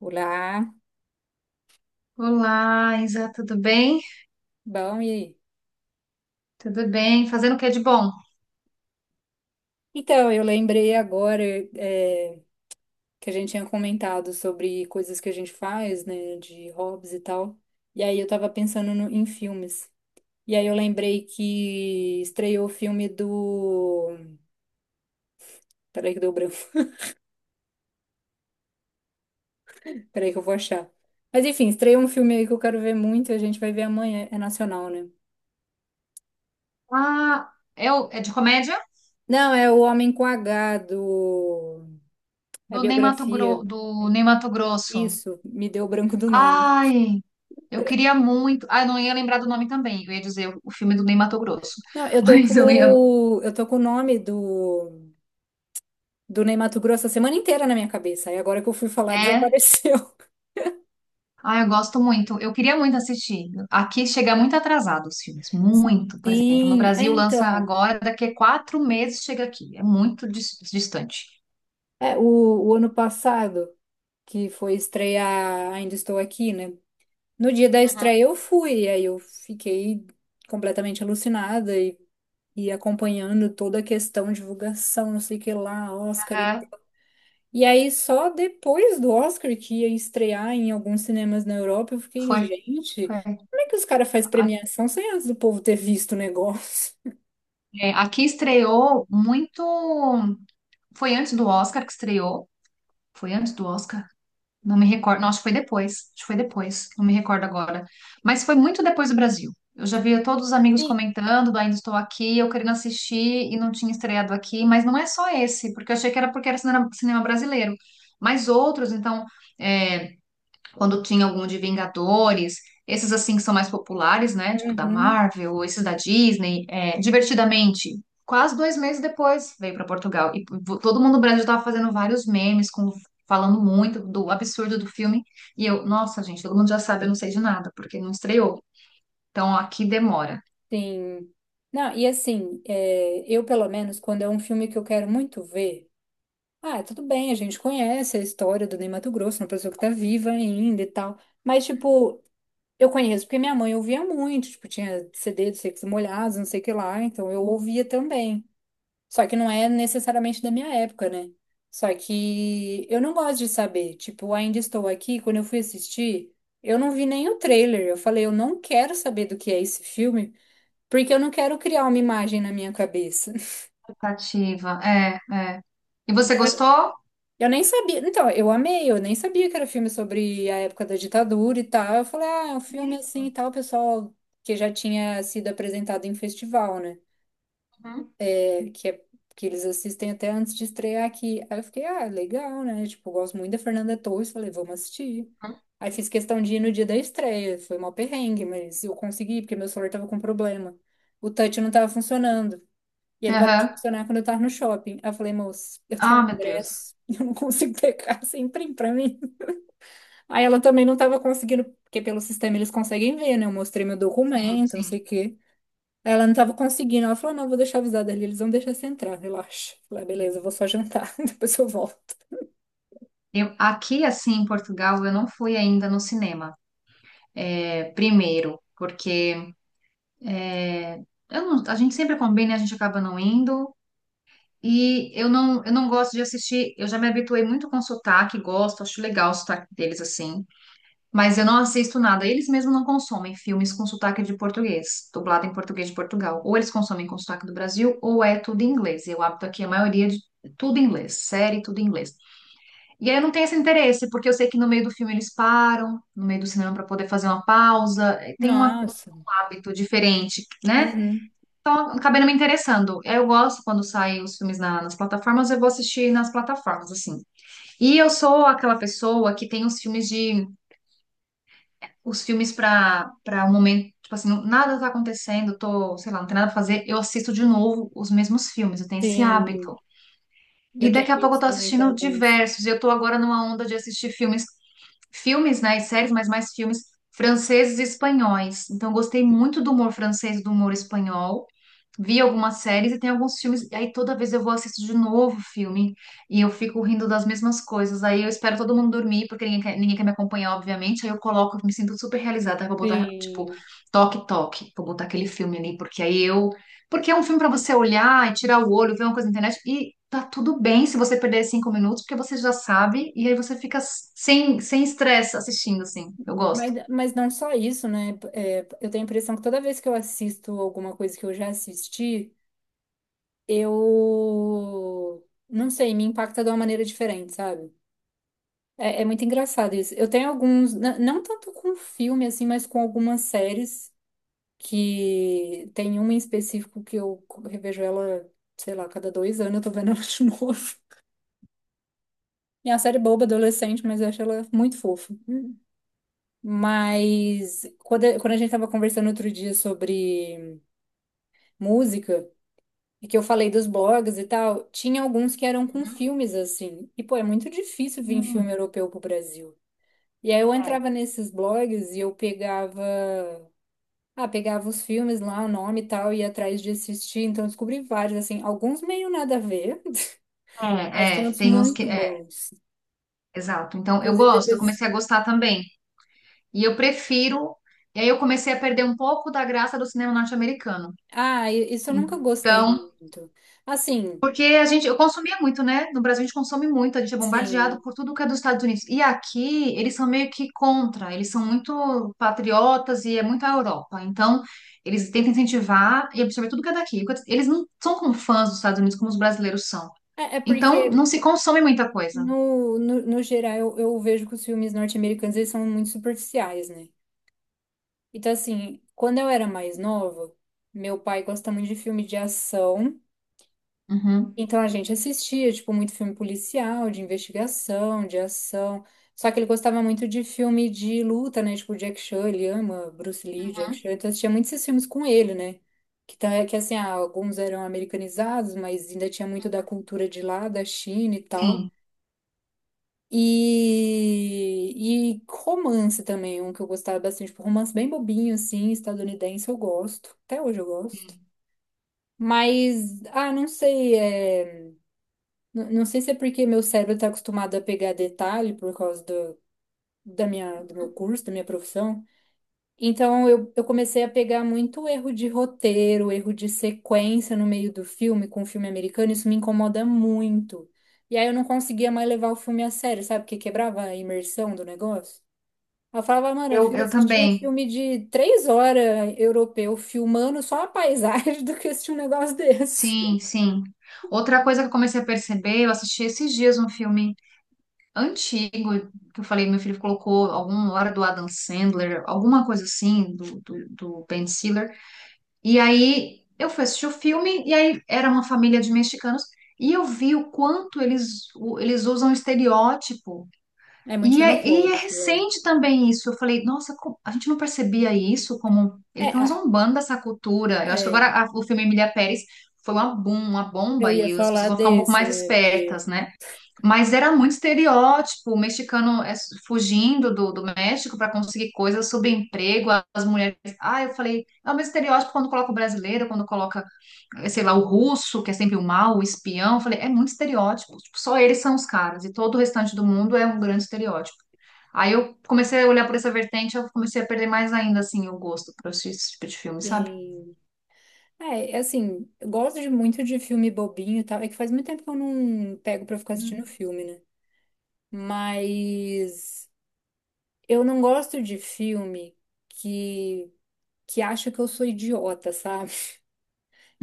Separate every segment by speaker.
Speaker 1: Olá,
Speaker 2: Olá, Isa, tudo bem?
Speaker 1: bom, e aí?
Speaker 2: Tudo bem. Fazendo o que de bom?
Speaker 1: Então, eu lembrei agora é, que a gente tinha comentado sobre coisas que a gente faz, né, de hobbies e tal. E aí eu tava pensando em filmes. E aí eu lembrei que estreou o filme do. Peraí que deu branco. Peraí que eu vou achar. Mas enfim, estreou um filme aí que eu quero ver muito, a gente vai ver amanhã. É nacional, né?
Speaker 2: Ah, é, é de comédia?
Speaker 1: Não, é O Homem com H do. É a
Speaker 2: Do Ney Mato Gro-
Speaker 1: biografia.
Speaker 2: do Ney Mato Grosso.
Speaker 1: Isso, me deu branco do nome.
Speaker 2: Ai, eu queria muito. Ah, eu não ia lembrar do nome também. Eu ia dizer o filme do Ney Mato Grosso.
Speaker 1: Não,
Speaker 2: Mas eu não ia.
Speaker 1: eu tô com o nome do Ney Matogrosso a semana inteira na minha cabeça. E agora que eu fui falar,
Speaker 2: É.
Speaker 1: desapareceu.
Speaker 2: Ah, eu gosto muito. Eu queria muito assistir. Aqui chega muito atrasado os filmes. Muito. Por exemplo, no
Speaker 1: Sim, é
Speaker 2: Brasil lança
Speaker 1: então.
Speaker 2: agora, daqui a quatro meses chega aqui. É muito distante.
Speaker 1: É, o, o ano passado, que foi estrear Ainda Estou Aqui, né? No dia da
Speaker 2: Uhum.
Speaker 1: estreia eu fui, e aí eu fiquei completamente alucinada e acompanhando toda a questão, divulgação, não sei o que lá, Oscar
Speaker 2: É,
Speaker 1: E aí, só depois do Oscar, que ia estrear em alguns cinemas na Europa, eu fiquei,
Speaker 2: foi.
Speaker 1: gente,
Speaker 2: Foi.
Speaker 1: como é que os caras fazem premiação sem antes do povo ter visto o negócio?
Speaker 2: É, aqui estreou muito. Foi antes do Oscar que estreou. Foi antes do Oscar? Não me recordo. Não, acho que foi depois. Acho que foi depois. Não me recordo agora. Mas foi muito depois do Brasil. Eu já via todos os amigos
Speaker 1: Sim.
Speaker 2: comentando do Ainda Estou Aqui, eu querendo assistir e não tinha estreado aqui. Mas não é só esse, porque eu achei que era porque era cinema, cinema brasileiro. Mas outros, então. É, quando tinha algum de Vingadores, esses assim que são mais populares, né? Tipo da
Speaker 1: Uhum,
Speaker 2: Marvel, ou esses da Disney, é, divertidamente. Quase dois meses depois veio para Portugal. E todo mundo no Brasil estava fazendo vários memes, falando muito do absurdo do filme. E eu, nossa, gente, todo mundo já sabe, eu não sei de nada, porque não estreou. Então aqui demora.
Speaker 1: sim. Não, e assim, eu pelo menos, quando é um filme que eu quero muito ver, ah, tudo bem, a gente conhece a história do Ney Matogrosso, uma pessoa que tá viva ainda e tal, mas tipo, eu conheço porque minha mãe ouvia muito, tipo, tinha CD do Secos e Molhados, não sei o que lá, então eu ouvia também. Só que não é necessariamente da minha época, né? Só que eu não gosto de saber. Tipo, ainda estou aqui. Quando eu fui assistir, eu não vi nem o trailer. Eu falei, eu não quero saber do que é esse filme, porque eu não quero criar uma imagem na minha cabeça.
Speaker 2: Expectativa. É, é. E você
Speaker 1: Então, eu
Speaker 2: gostou?
Speaker 1: eu nem sabia. Então, eu amei, eu nem sabia que era filme sobre a época da ditadura e tal. Eu falei, ah, é um filme assim e
Speaker 2: Mesmo.
Speaker 1: tal, pessoal, que já tinha sido apresentado em festival, né,
Speaker 2: Uhum.
Speaker 1: que, é- que eles assistem até antes de estrear aqui. Aí eu fiquei, ah, legal, né? Tipo, eu gosto muito da Fernanda Torres, falei, vamos assistir. Aí fiz questão de ir no dia da estreia, foi uma perrengue, mas eu consegui, porque meu celular tava com problema. O touch não tava funcionando. E ele parou de
Speaker 2: Aham.
Speaker 1: funcionar quando eu tava no shopping. Aí eu falei, moça, eu tenho
Speaker 2: Ah,
Speaker 1: um
Speaker 2: meu Deus.
Speaker 1: ingresso, eu não consigo pegar, você imprime pra mim. Aí ela também não tava conseguindo, porque pelo sistema eles conseguem ver, né? Eu mostrei meu
Speaker 2: Sim,
Speaker 1: documento, não sei o
Speaker 2: sim.
Speaker 1: quê. Ela não tava conseguindo. Ela falou: não, vou deixar avisada ali, eles vão deixar você entrar, relaxa. Eu falei, ah, beleza, eu vou só jantar, depois eu volto.
Speaker 2: Eu, aqui, assim, em Portugal, eu não fui ainda no cinema. É, primeiro, porque é, eu não- a gente sempre combina e a gente acaba não indo. E eu não gosto de assistir. Eu já me habituei muito com sotaque, gosto, acho legal o sotaque deles assim. Mas eu não assisto nada. Eles mesmos não consomem filmes com sotaque de português, dublado em português de Portugal. Ou eles consomem com sotaque do Brasil, ou é tudo em inglês. E o hábito aqui, a maioria de tudo em inglês, série, tudo em inglês. E aí eu não tenho esse interesse, porque eu sei que no meio do filme eles param, no meio do cinema para poder fazer uma pausa, tem um
Speaker 1: Nossa.
Speaker 2: hábito diferente, né?
Speaker 1: Uhum.
Speaker 2: Então eu acabei não me interessando. Eu gosto quando saem os filmes nas plataformas, eu vou assistir nas plataformas, assim. E eu sou aquela pessoa que tem os filmes para um momento, tipo assim, nada tá acontecendo, tô, sei lá, não tem nada pra fazer, eu assisto de novo os mesmos filmes, eu tenho esse
Speaker 1: Sim.
Speaker 2: hábito. E
Speaker 1: Eu tenho
Speaker 2: daqui a pouco eu
Speaker 1: isso
Speaker 2: tô
Speaker 1: também com
Speaker 2: assistindo
Speaker 1: alguns.
Speaker 2: diversos. Eu tô agora numa onda de assistir filmes, filmes, né, e séries, mas mais filmes franceses e espanhóis. Então, eu gostei muito do humor francês, e do humor espanhol vi algumas séries e tem alguns filmes, e aí toda vez eu vou assistir de novo o filme e eu fico rindo das mesmas coisas. Aí eu espero todo mundo dormir, porque ninguém quer me acompanhar, obviamente. Aí eu coloco, me sinto super realizada. Aí vou botar, tipo,
Speaker 1: Sim.
Speaker 2: toque, toque, vou botar aquele filme ali, porque aí eu. Porque é um filme pra você olhar e tirar o olho, ver uma coisa na internet e. Tá tudo bem se você perder cinco minutos, porque você já sabe, e aí você fica sem estresse assistindo, assim. Eu gosto.
Speaker 1: Mas não só isso, né? É, eu tenho a impressão que toda vez que eu assisto alguma coisa que eu já assisti, eu não sei, me impacta de uma maneira diferente, sabe? É, é muito engraçado isso. Eu tenho alguns, não tanto com filme, assim, mas com algumas séries que tem uma em específico que eu revejo ela, sei lá, cada 2 anos eu tô vendo ela de novo. É uma série boba, adolescente, mas eu acho ela muito fofa. Mas quando, quando a gente tava conversando outro dia sobre música, e que eu falei dos blogs e tal, tinha alguns que eram com filmes, assim. E, pô, é muito difícil vir
Speaker 2: Hum,
Speaker 1: filme europeu pro Brasil. E aí eu
Speaker 2: é.
Speaker 1: entrava nesses blogs e eu pegava os filmes lá, o nome e tal, ia atrás de assistir. Então, eu descobri vários, assim, alguns meio nada a ver, mas
Speaker 2: É, é,
Speaker 1: tem outros
Speaker 2: tem uns que.
Speaker 1: muito bons.
Speaker 2: Exato. Então, eu
Speaker 1: Inclusive,
Speaker 2: gosto, eu
Speaker 1: depois.
Speaker 2: comecei a gostar também. E eu prefiro. E aí eu comecei a perder um pouco da graça do cinema norte-americano.
Speaker 1: Ah, isso eu nunca gostei
Speaker 2: Então,
Speaker 1: muito. Assim,
Speaker 2: porque a gente, eu consumia muito, né? No Brasil a gente consome muito, a gente é bombardeado
Speaker 1: sim.
Speaker 2: por tudo que é dos Estados Unidos. E aqui eles são meio que contra, eles são muito patriotas e é muito a Europa. Então, eles tentam incentivar e absorver tudo que é daqui. Eles não são como fãs dos Estados Unidos como os brasileiros são.
Speaker 1: É, é porque,
Speaker 2: Então, não se consome muita coisa.
Speaker 1: no geral, eu vejo que os filmes norte-americanos eles são muito superficiais, né? Então, assim, quando eu era mais nova, meu pai gosta muito de filme de ação.
Speaker 2: Uhum.
Speaker 1: Então a gente assistia, tipo, muito filme policial, de investigação, de ação. Só que ele gostava muito de filme de luta, né? Tipo, Jack Chan, ele ama Bruce Lee, Jack
Speaker 2: Uhum.
Speaker 1: Chan. Então eu assistia muitos esses filmes com ele, né? Que, tá, que assim, ah, alguns eram americanizados, mas ainda tinha muito da cultura de lá, da China e tal.
Speaker 2: Sim.
Speaker 1: E romance também, um que eu gostava bastante. Tipo, romance bem bobinho, assim, estadunidense, eu gosto. Até hoje eu gosto. Mas, ah, não sei, é. Não sei se é porque meu cérebro está acostumado a pegar detalhe por causa do meu curso, da minha profissão. Então eu comecei a pegar muito erro de roteiro, erro de sequência no meio do filme, com o filme americano, isso me incomoda muito. E aí eu não conseguia mais levar o filme a sério, sabe? Porque quebrava a imersão do negócio. Eu falava, mano, eu
Speaker 2: Eu,
Speaker 1: prefiro
Speaker 2: eu
Speaker 1: assistir um
Speaker 2: também.
Speaker 1: filme de 3 horas europeu filmando só a paisagem do que assistir um negócio desse.
Speaker 2: Sim, sim. Outra coisa que eu comecei a perceber, eu assisti esses dias um filme antigo, que eu falei, meu filho colocou alguma hora do Adam Sandler, alguma coisa assim, do Ben Stiller. E aí eu fui assistir o filme, e aí era uma família de mexicanos, e eu vi o quanto eles, eles usam estereótipo
Speaker 1: É muito
Speaker 2: e é
Speaker 1: xenofóbico, é.
Speaker 2: recente também isso. Eu falei, nossa, a gente não percebia isso como
Speaker 1: É,
Speaker 2: ele tá zombando dessa cultura. Eu
Speaker 1: a-
Speaker 2: acho que agora
Speaker 1: é,
Speaker 2: o filme Emília Pérez foi uma, bom, uma
Speaker 1: eu
Speaker 2: bomba
Speaker 1: ia
Speaker 2: e as pessoas
Speaker 1: falar
Speaker 2: vão ficar um pouco
Speaker 1: desse,
Speaker 2: mais
Speaker 1: né? Porque
Speaker 2: espertas, né? Mas era muito estereótipo, o mexicano é, fugindo do México para conseguir coisas sobre emprego, as mulheres. Ah, eu falei, é o mesmo estereótipo quando coloca o brasileiro, quando coloca, sei lá, o russo, que é sempre o mal, o espião. Eu falei, é muito estereótipo. Tipo, só eles são os caras e todo o restante do mundo é um grande estereótipo. Aí eu comecei a olhar por essa vertente, eu comecei a perder mais ainda, assim, o gosto por assistir esse tipo de filme, sabe?
Speaker 1: tem. É, é assim, eu gosto de muito de filme bobinho e tal. É que faz muito tempo que eu não pego pra ficar assistindo filme, né? Mas eu não gosto de filme que, que acha que eu sou idiota, sabe?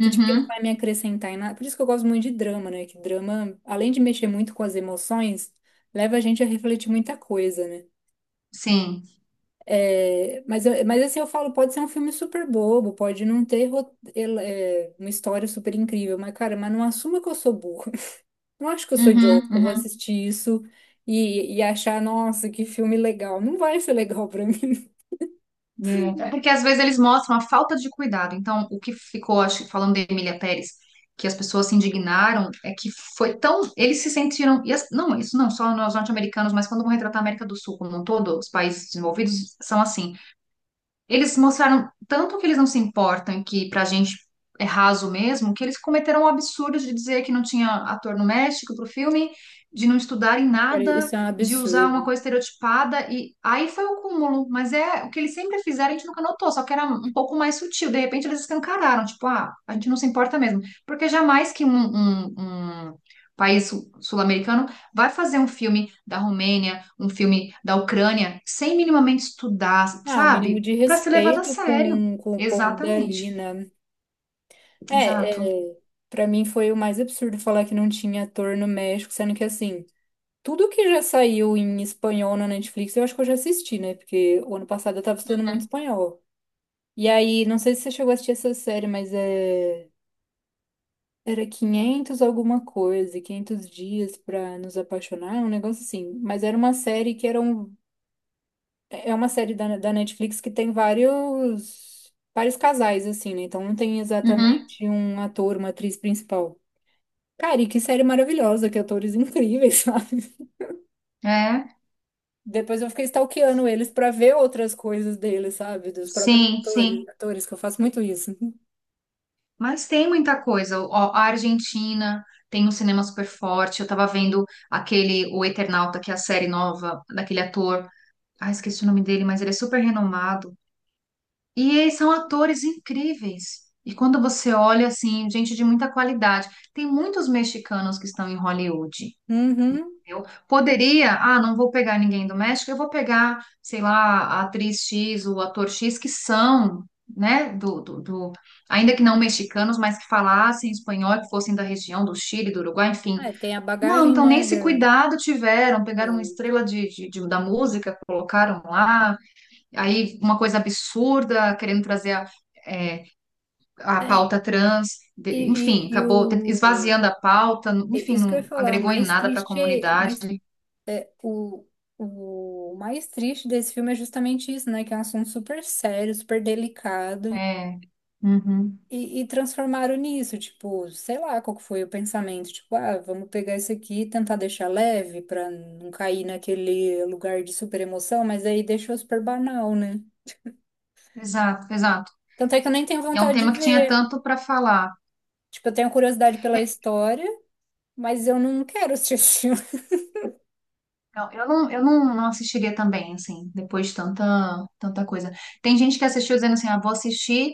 Speaker 1: Que tipo que não vai me acrescentar em nada. Por isso que eu gosto muito de drama, né? Que drama, além de mexer muito com as emoções, leva a gente a refletir muita coisa, né?
Speaker 2: sim.
Speaker 1: É, mas, mas assim eu falo, pode ser um filme super bobo, pode não ter uma história super incrível, mas cara, mas não assuma que eu sou burra. Não acho que eu sou idiota,
Speaker 2: Uhum,
Speaker 1: eu vou
Speaker 2: uhum.
Speaker 1: assistir isso e achar, nossa, que filme legal. Não vai ser legal pra mim.
Speaker 2: É. É porque às vezes eles mostram a falta de cuidado. Então, o que ficou, acho, que falando de Emília Pérez, que as pessoas se indignaram, é que foi tão. Eles se sentiram. Não, isso não só nós norte-americanos, mas quando vão retratar a América do Sul como um todo, os países desenvolvidos são assim. Eles mostraram tanto que eles não se importam, que pra gente é raso mesmo, que eles cometeram o absurdo de dizer que não tinha ator no México pro filme, de não estudarem
Speaker 1: Cara,
Speaker 2: nada,
Speaker 1: isso é um
Speaker 2: de usar uma
Speaker 1: absurdo.
Speaker 2: coisa estereotipada, e aí foi o cúmulo. Mas é o que eles sempre fizeram, a gente nunca notou, só que era um pouco mais sutil. De repente eles escancararam, tipo, ah, a gente não se importa mesmo. Porque jamais que um país sul-americano vai fazer um filme da Romênia, um filme da Ucrânia, sem minimamente estudar,
Speaker 1: Ah, o mínimo
Speaker 2: sabe?
Speaker 1: de
Speaker 2: Para ser levado a
Speaker 1: respeito
Speaker 2: sério.
Speaker 1: com o povo dali,
Speaker 2: Exatamente.
Speaker 1: né?
Speaker 2: Exato.
Speaker 1: É, é, para mim foi o mais absurdo falar que não tinha ator no México, sendo que assim, tudo que já saiu em espanhol na Netflix, eu acho que eu já assisti, né? Porque o ano passado eu tava estudando muito espanhol. E aí, não sei se você chegou a assistir essa série, mas era 500 alguma coisa, 500 dias pra nos apaixonar, um negócio assim. Mas era uma série que era um é uma série da Netflix que tem vários vários casais assim, né? Então não tem
Speaker 2: Uhum.
Speaker 1: exatamente um ator, uma atriz principal. Cara, e que série maravilhosa, que atores incríveis, sabe?
Speaker 2: É,
Speaker 1: Depois eu fiquei stalkeando eles pra ver outras coisas deles, sabe? Dos próprios
Speaker 2: sim, sim.
Speaker 1: atores, atores, que eu faço muito isso.
Speaker 2: Mas tem muita coisa. Ó, a Argentina tem um cinema super forte. Eu tava vendo aquele, o Eternauta, que é a série nova daquele ator. Ah, esqueci o nome dele, mas ele é super renomado. E eles são atores incríveis. E quando você olha, assim, gente de muita qualidade. Tem muitos mexicanos que estão em Hollywood.
Speaker 1: Uhum.
Speaker 2: Eu poderia, ah, não vou pegar ninguém do México, eu vou pegar, sei lá, a atriz X, o ator X, que são, né, ainda que não mexicanos, mas que falassem espanhol, que fossem da região do Chile, do Uruguai, enfim.
Speaker 1: Ah, tem a
Speaker 2: Não,
Speaker 1: bagagem,
Speaker 2: então nem
Speaker 1: né?
Speaker 2: esse cuidado tiveram, pegaram uma
Speaker 1: Tem-
Speaker 2: estrela de, da música, colocaram lá, aí uma coisa absurda, querendo trazer é, a
Speaker 1: É,
Speaker 2: pauta trans,
Speaker 1: e,
Speaker 2: enfim,
Speaker 1: e, e
Speaker 2: acabou
Speaker 1: o...
Speaker 2: esvaziando a pauta, enfim,
Speaker 1: Isso que eu ia
Speaker 2: não
Speaker 1: falar, o
Speaker 2: agregou em
Speaker 1: mais
Speaker 2: nada para a
Speaker 1: triste é...
Speaker 2: comunidade.
Speaker 1: Mas, é, o, o mais triste desse filme é justamente isso, né? Que é um assunto super sério, super delicado.
Speaker 2: É. Uhum.
Speaker 1: E transformaram nisso, tipo, sei lá qual que foi o pensamento, tipo, ah, vamos pegar isso aqui e tentar deixar leve pra não cair naquele lugar de super emoção, mas aí deixou super banal, né?
Speaker 2: Exato, exato.
Speaker 1: Tanto é que eu nem tenho
Speaker 2: E é um
Speaker 1: vontade de
Speaker 2: tema que tinha
Speaker 1: ver.
Speaker 2: tanto para falar.
Speaker 1: Tipo, eu tenho curiosidade pela
Speaker 2: É.
Speaker 1: história, mas eu não quero assistir esse filme.
Speaker 2: Não, eu não, eu não, não assistiria também, assim, depois de tanta, tanta coisa. Tem gente que assistiu dizendo assim, ah, vou assistir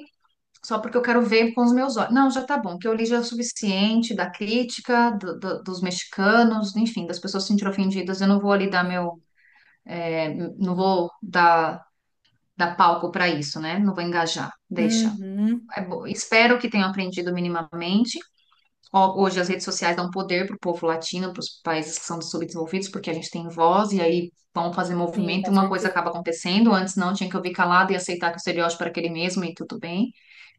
Speaker 2: só porque eu quero ver com os meus olhos. Não, já tá bom, o que eu li já é o suficiente da crítica, dos mexicanos, enfim, das pessoas se sentiram ofendidas, eu não vou ali dar meu,
Speaker 1: Sim.
Speaker 2: é, não vou dar palco para isso, né? Não vou engajar, deixa.
Speaker 1: Uhum,
Speaker 2: É bom. Espero que tenham aprendido minimamente. Ó, hoje as redes sociais dão poder para o povo latino, para os países que são subdesenvolvidos, porque a gente tem voz e aí vão fazer
Speaker 1: sim,
Speaker 2: movimento e
Speaker 1: com
Speaker 2: uma coisa acaba
Speaker 1: certeza.
Speaker 2: acontecendo. Antes não, tinha que ouvir calado e aceitar que o estereótipo era aquele mesmo e tudo bem,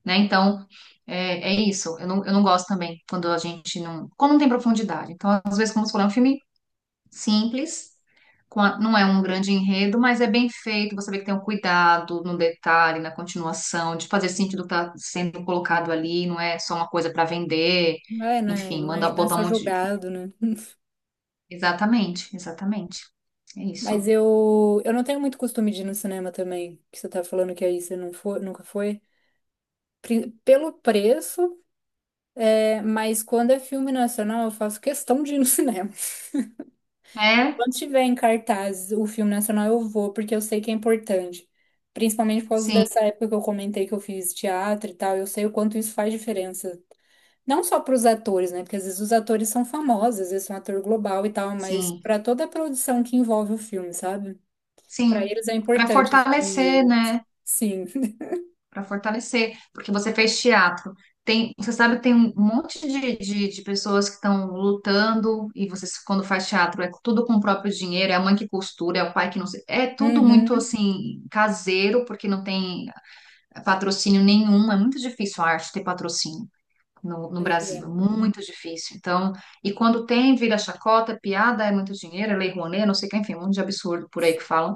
Speaker 2: né? Então, é, é isso. Eu não gosto também quando a gente não... Como não tem profundidade. Então, às vezes, como se for um filme simples, não é um grande enredo, mas é bem feito. Você vê que tem um cuidado no detalhe, na continuação, de fazer sentido o que está sendo colocado ali, não é só uma coisa para vender.
Speaker 1: É, né?
Speaker 2: Enfim,
Speaker 1: Não é
Speaker 2: manda
Speaker 1: ajudar
Speaker 2: botar um
Speaker 1: só
Speaker 2: monte de...
Speaker 1: jogado, né?
Speaker 2: Exatamente, exatamente. É
Speaker 1: Mas
Speaker 2: isso.
Speaker 1: eu não tenho muito costume de ir no cinema também, que você tá falando que aí você não foi, nunca foi. Pelo preço, mas quando é filme nacional, eu faço questão de ir no cinema.
Speaker 2: É,
Speaker 1: Quando tiver em cartaz o filme nacional, eu vou, porque eu sei que é importante. Principalmente por causa
Speaker 2: sim,
Speaker 1: dessa época que eu comentei que eu fiz teatro e tal, eu sei o quanto isso faz diferença. Não só para os atores, né? Porque às vezes os atores são famosos, às vezes são ator global e tal, mas
Speaker 2: sim,
Speaker 1: para toda a produção que envolve o filme, sabe? Para
Speaker 2: sim.
Speaker 1: eles é
Speaker 2: Para
Speaker 1: importante esse
Speaker 2: fortalecer,
Speaker 1: dinheiro.
Speaker 2: né?
Speaker 1: Sim.
Speaker 2: Para fortalecer, porque você fez teatro. Tem, você sabe que tem um monte de pessoas que estão lutando, e você, quando faz teatro, é tudo com o próprio dinheiro, é a mãe que costura, é o pai que não sei. É tudo muito
Speaker 1: Uhum.
Speaker 2: assim, caseiro, porque não tem patrocínio nenhum. É muito difícil a arte ter patrocínio no
Speaker 1: Pois é.
Speaker 2: Brasil, é muito difícil. Então, e quando tem, vira chacota, piada, é muito dinheiro, é lei Rouanet, não sei o que, enfim, um monte de absurdo por aí que falam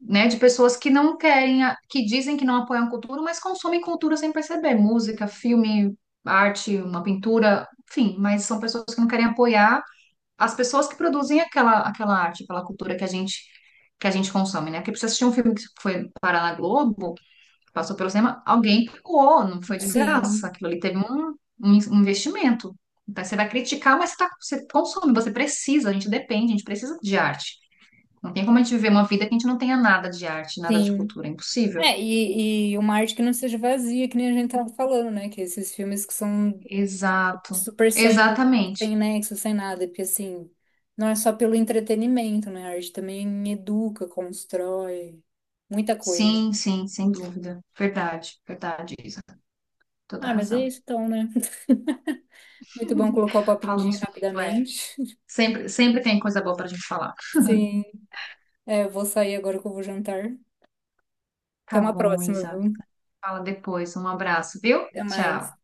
Speaker 2: né, de pessoas que não querem, que dizem que não apoiam a cultura, mas consomem cultura sem perceber, música, filme, arte, uma pintura, enfim, mas são pessoas que não querem apoiar as pessoas que produzem aquela, arte, aquela cultura que a gente consome, né? Porque pra você assistir um filme que foi parar na Globo, passou pelo cinema, alguém pagou, não foi de graça,
Speaker 1: Sim,
Speaker 2: aquilo ali teve um investimento. Então, você vai criticar, mas você consome, você precisa, a gente depende, a gente precisa de arte. Não tem como a gente viver uma vida que a gente não tenha nada de arte, nada de
Speaker 1: sim.
Speaker 2: cultura. É impossível.
Speaker 1: É, e uma arte que não seja vazia, que nem a gente tava falando, né? Que esses filmes que são
Speaker 2: Exato.
Speaker 1: super sem,
Speaker 2: Exatamente.
Speaker 1: sem nexo, sem nada, porque assim, não é só pelo entretenimento, né? A arte também educa, constrói, muita coisa.
Speaker 2: Sim, sim, sem dúvida. Verdade, verdade, Isa. Toda
Speaker 1: Ah, mas
Speaker 2: razão.
Speaker 1: é isso então, né? Muito bom colocar o papo em dia
Speaker 2: Falamos muito, é.
Speaker 1: rapidamente.
Speaker 2: Sempre, sempre tem coisa boa pra gente falar.
Speaker 1: Sim, eu vou sair agora que eu vou jantar. Até
Speaker 2: Tá
Speaker 1: uma
Speaker 2: bom,
Speaker 1: próxima,
Speaker 2: Isa.
Speaker 1: viu?
Speaker 2: Fala depois. Um abraço, viu?
Speaker 1: Até mais.
Speaker 2: Tchau.